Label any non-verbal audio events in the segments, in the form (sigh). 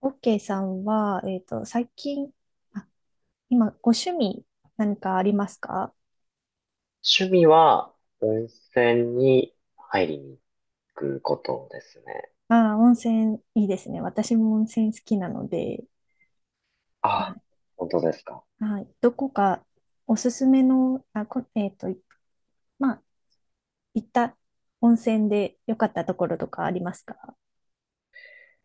オッケーさんは、最近、あ、今、ご趣味何かありますか？趣味は温泉に入りに行くことですね。ああー、温泉いいですね。私も温泉好きなので、はあ、い。本当ですか。はい。どこかおすすめの、あ、こ、えっと、まあ、行った温泉で良かったところとかありますか？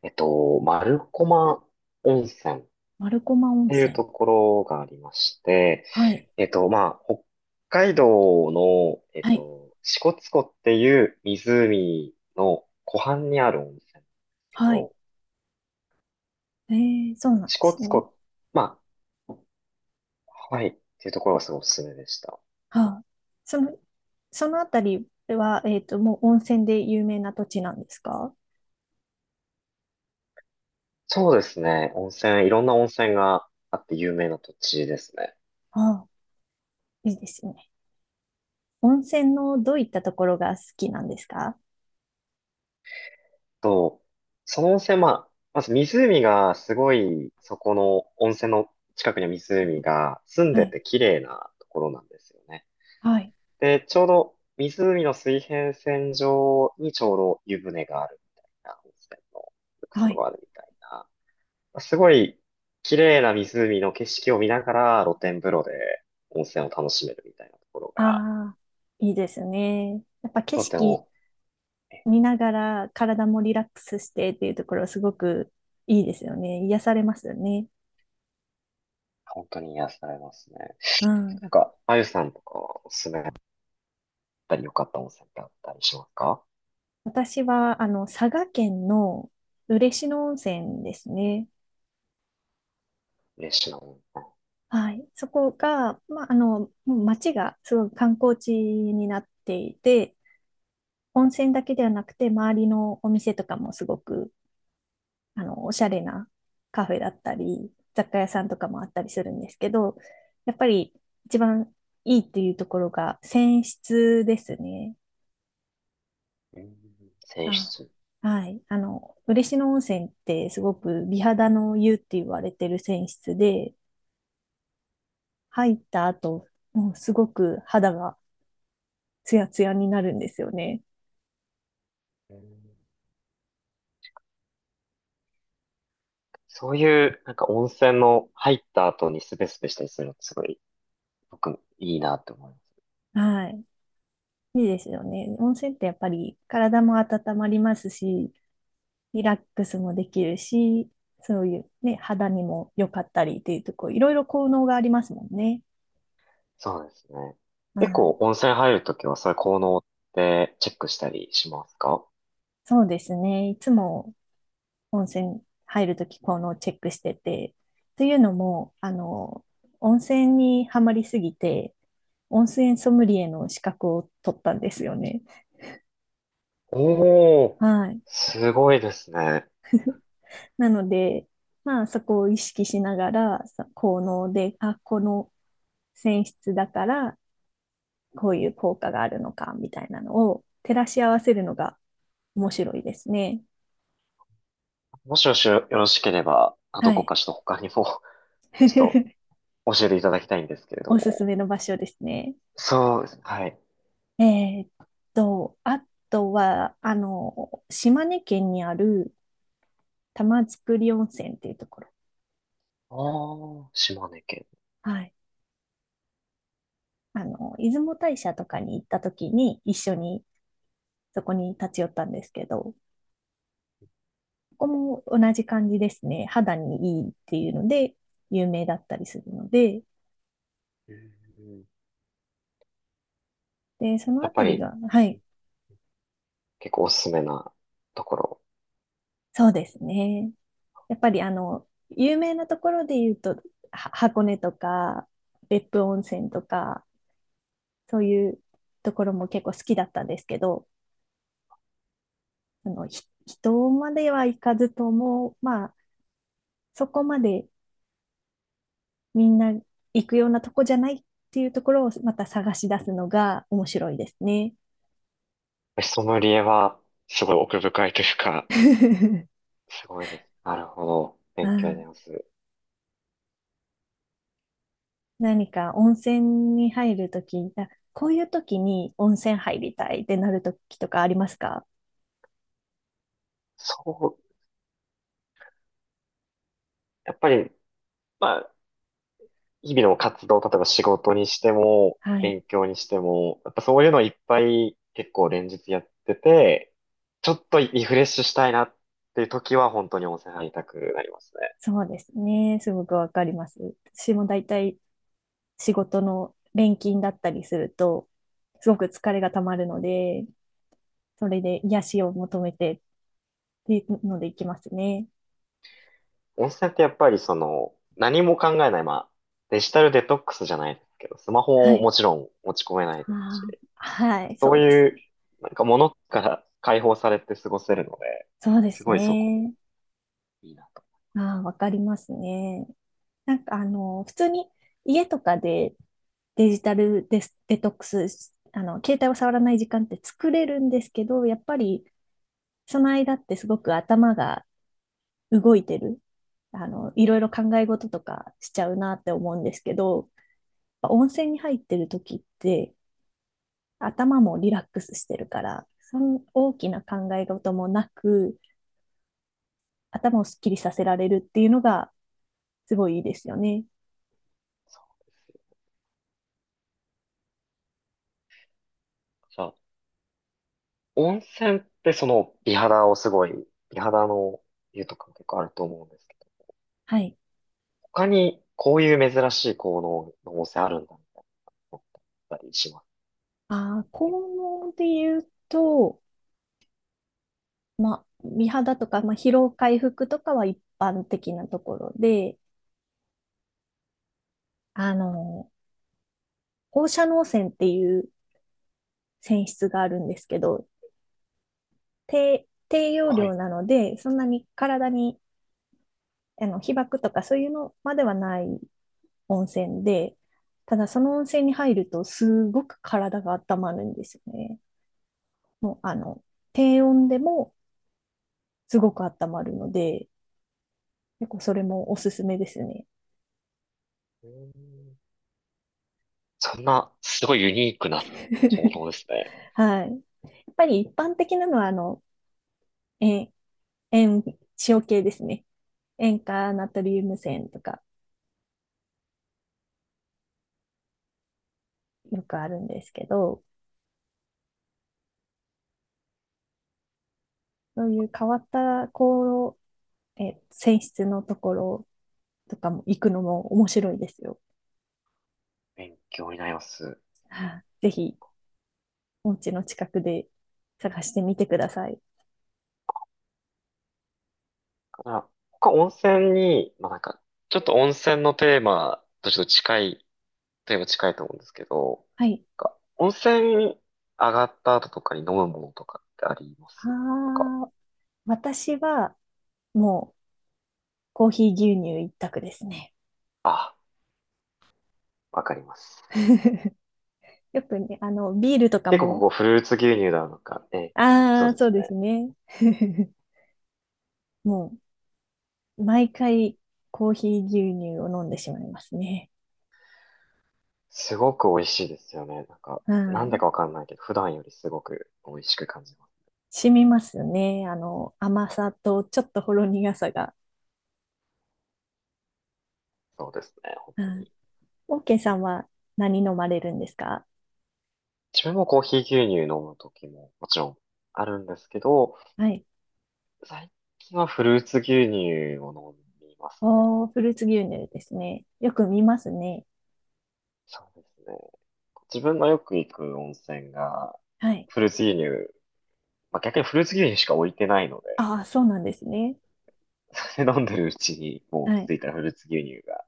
丸駒温泉っ丸駒温ていう泉。ところがありまして、はい。北海道の、はい。支笏湖っていう湖の湖畔にある温泉なんですけはい。ど、えー、そうなんで支す笏ね。湖、まあ、ハワイっていうところがすごいおすすめでした。はあ。その、そのあたりは、もう温泉で有名な土地なんですか？そうですね。温泉、いろんな温泉があって有名な土地ですね。ああ。いいですね。温泉のどういったところが好きなんですか？と、その温泉、まあ、まず湖がすごい、そこの温泉の近くには湖が澄んはでい、て綺麗なところなんですよね。はい、で、ちょうど湖の水平線上にちょうど湯船があるみたいな、温泉の浴は槽い。があるみたいな、まあすごい綺麗な湖の景色を見ながら露天風呂で温泉を楽しめるみたいなところが、ああ、いいですね。やっぱ景とて色も、え、見ながら体もリラックスしてっていうところすごくいいですよね。癒されますよね。本当に癒されますね。うん。なんか、あゆさんとかはおすすめたり良かった温泉ってあったりしますか？私は、あの、佐賀県の嬉野温泉ですね。嬉しいな温はい。そこが、まあ、あの、もう町がすごく観光地になっていて、温泉だけではなくて、周りのお店とかもすごくあの、おしゃれなカフェだったり、雑貨屋さんとかもあったりするんですけど、やっぱり一番いいっていうところが泉質ですね。泉。うん、泉あ、質。はい。あの、嬉野温泉ってすごく美肌の湯って言われてる泉質で、入った後、もうすごく肌がツヤツヤになるんですよね。うん、そういう、なんか温泉の入った後にスベスベしたりするのってすごい、僕、いいなって思います。はい。いいですよね。温泉ってやっぱり体も温まりますし、リラックスもできるし、そういうね、肌にも良かったりっていうとこ、いろいろ効能がありますもんね。そうですね。う結ん、構温泉入るときはそういう効能ってチェックしたりしますか？そうですね。いつも温泉入るとき効能をチェックしてて、というのも、あの、温泉にはまりすぎて、温泉ソムリエの資格を取ったんですよね。おー、はい。すごいですね。なので、まあそこを意識しながら、効能で、あ、この泉質だからこういう効果があるのかみたいなのを照らし合わせるのが面白いですね。もしもしよろしければ、あ、はどこい。かちょっと他にも (laughs) ちょ (laughs) っと教えていただきたいんですけれどおすすも。めの場所ですね。そうですね。はい。えーっあとは、あの、島根県にある玉造温泉っていうところ。あー、島根県。はい。あの、出雲大社とかに行った時に一緒にそこに立ち寄ったんですけど、ここも同じ感じですね。肌にいいっていうので有名だったりするので、うん、で、そのやあったぱりりが、はい、結構おすすめなところ。そうですね。やっぱりあの、有名なところで言うと、箱根とか、別府温泉とか、そういうところも結構好きだったんですけど、あの、人までは行かずとも、まあ、そこまでみんな行くようなとこじゃないっていうところをまた探し出すのが面白いですね。ソムリエはすごい奥深いというか、(laughs) すごいです。なるほど。勉強にあなりまあ、す。何か温泉に入るとき、あ、こういうときに温泉入りたいってなるときとかありますか？そう、やっぱり、まあ、日々の活動、例えば仕事にしても、はい。勉強にしても、やっぱそういうのいっぱい結構連日やってて、ちょっとリフレッシュしたいなっていう時は本当に温泉入りたくなりますね。そうですね。すごくわかります。私も大体仕事の連勤だったりすると、すごく疲れがたまるので、それで癒しを求めてっていうので行きますね。温泉ってやっぱりその、何も考えない、まあ、デジタルデトックスじゃないですけど、スマはホをい。もちろん持ち込めないですあーし、はい、そそううですいう、ね。なんか物から解放されて過ごせるので、そうですすごいそこもね。いいなと。ああ、わかりますね。なんかあの、普通に家とかでデジタルデス、デトックスし、あの、携帯を触らない時間って作れるんですけど、やっぱりその間ってすごく頭が動いてる、あの、いろいろ考え事とかしちゃうなって思うんですけど、温泉に入ってる時って頭もリラックスしてるから、その大きな考え事もなく、頭をすっきりさせられるっていうのがすごいいいですよね。そう。じゃあ、温泉ってその美肌をすごい、美肌の湯とかも結構あると思うんですけど、はい。他にこういう珍しい効能の温泉あるんだみたいな思ったりしますあー、ね。効能で言うと、まあ、美肌とか、まあ、疲労回復とかは一般的なところで、あの、放射能泉っていう泉質があるんですけど、低用は量い。なので、そんなに体に、あの、被曝とかそういうのまではない温泉で、ただその温泉に入るとすごく体が温まるんですよね。もう、あの、低温でもすごく温まるので、結構それもおすすめですね。うーん、そんな、すごいユニークな効能 (laughs) ですね。はい。やっぱり一般的なのは、あの、塩、塩、塩系ですね。塩化ナトリウム泉とかよくあるんですけど、そういう変わった泉質のところとかも行くのも面白いですよ。勉強になります。ぜひ、お家の近くで探してみてください。あ、他温泉に、まあ、なんか、ちょっと温泉のテーマとちょっと近い、テーマ近いと思うんですけど、はい。なんか温泉に上がった後とかに飲むものとかってあります？なんか、ああ、私はもうコーヒー牛乳一択ですね。あ、わかります。(laughs) よくね、あの、ビールとか結構こも、こフルーツ牛乳だのか、ええ、そあうあ、でそすうですね。ね。(laughs) もう、毎回コーヒー牛乳を飲んでしまいますね。すごく美味しいですよね。なんか、うなんだん、かわかんないけど、普段よりすごく美味しく感じます。染みますね。あの、甘さとちょっとほろ苦さが。そうですね、本う当ん、に。オーケーさんは何飲まれるんですか？自分もコーヒー牛乳飲む時ももちろんあるんですけど、はい。最近はフルーツ牛乳を飲みますね。おー、フルーツ牛乳ですね。よく見ますね。そうですね。自分のよく行く温泉が、はい。フルーツ牛乳、まあ、逆にフルーツ牛乳しか置いてないので、ああ、そうなんですね。(laughs) それ飲んでるうちに、もうは気い。づいたらフルーツ牛乳が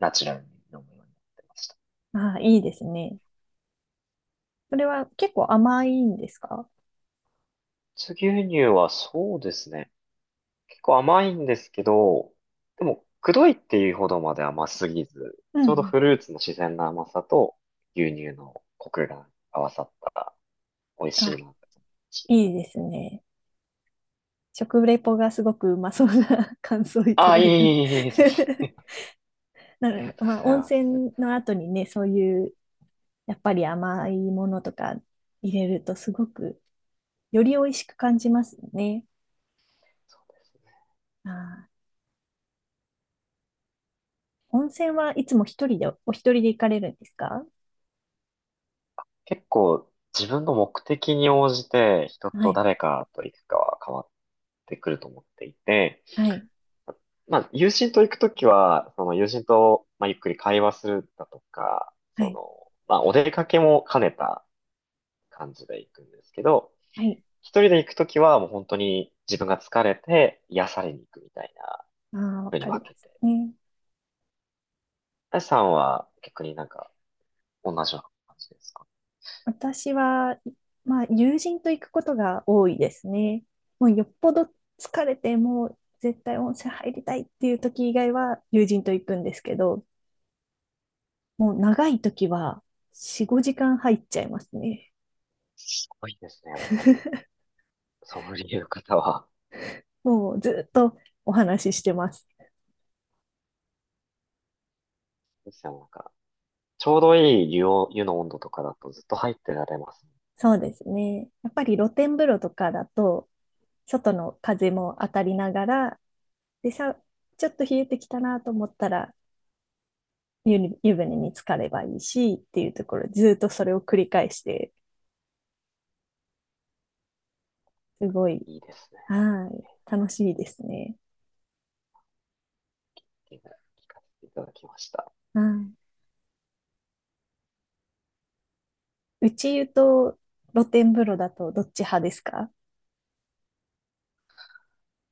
ナチュラルに飲むようになってました。フああ、いいですね。それは結構甘いんですか？ルーツ牛乳はそうですね。結構甘いんですけど、でも、くどいっていうほどまで甘すぎず、うんちうょうどん。フルーツの自然な甘さと牛乳のコクが合わさった美味しいあ、なって感じ。いいですね。食レポがすごくうまそうな (laughs) 感想をいあたあ、だいえいた。い (laughs) えいえいえ。なありるがほど。とうまあ、ござい温ます。そ泉の後にね、そういう、やっぱり甘いものとか入れるとすごく、より美味しく感じますね。うですね。ああ。温泉はいつも一人で、お一人で行かれるんですか？結構自分の目的に応じて人はとい、誰かと行くかは変わってくると思っていて、はい、まあ友人と行くときは、その友人と、まあ、ゆっくり会話するだとか、はそい、の、まあお出かけも兼ねた感じで行くんですけど、はい。一人で行くときはもう本当に自分が疲れて癒されに行くみたいなああ、わ風にかり分まけすて。ね。あやさんは逆になんか同じような感じですか？私は、まあ、友人と行くことが多いですね。もうよっぽど疲れて、もう絶対温泉入りたいっていう時以外は友人と行くんですけど、もう長い時は4、5時間入っちゃいますね。すごいですね、やっぱり。(laughs) ソムリエの方は。もうずっとお話ししてます。ですよ、なんか、ちょうどいい湯を、湯の温度とかだとずっと入ってられますね。そうですね。やっぱり露天風呂とかだと、外の風も当たりながら、でさ、ちょっと冷えてきたなと思ったら、湯船に浸かればいいしっていうところ、ずっとそれを繰り返して、すごい、いいですね。っはい、楽しいですね。ていうのを聞かせていただきました。うん。内湯と露天風呂だとどっち派ですか？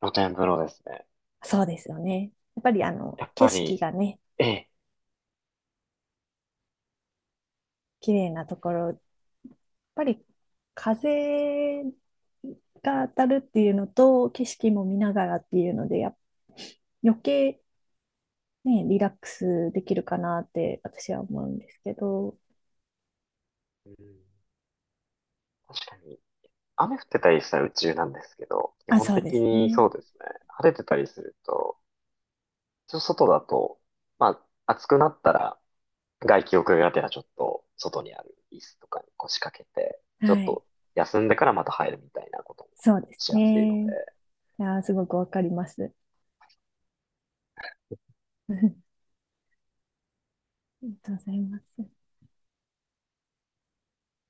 露天風呂ですね。そうですよね。やっぱりあの、やっ景ぱ色り、がね、ええ、綺麗なところ、やっぱり風が当たるっていうのと、景色も見ながらっていうので、余計ね、リラックスできるかなって私は思うんですけど。うん、確かに、雨降ってたりしたら宇宙なんですけど、基あ、本そうで的すにね。そうですね。晴れてたりすると、ちょっと外だと、まあ、暑くなったら、外気浴がてらちょっと、外にある椅子とかに腰掛けて、ちょっはい。と休んでからまた入るみたいなこともそうですしやすいので、ね。あー、すごくわかります。(laughs) ありがとうございます。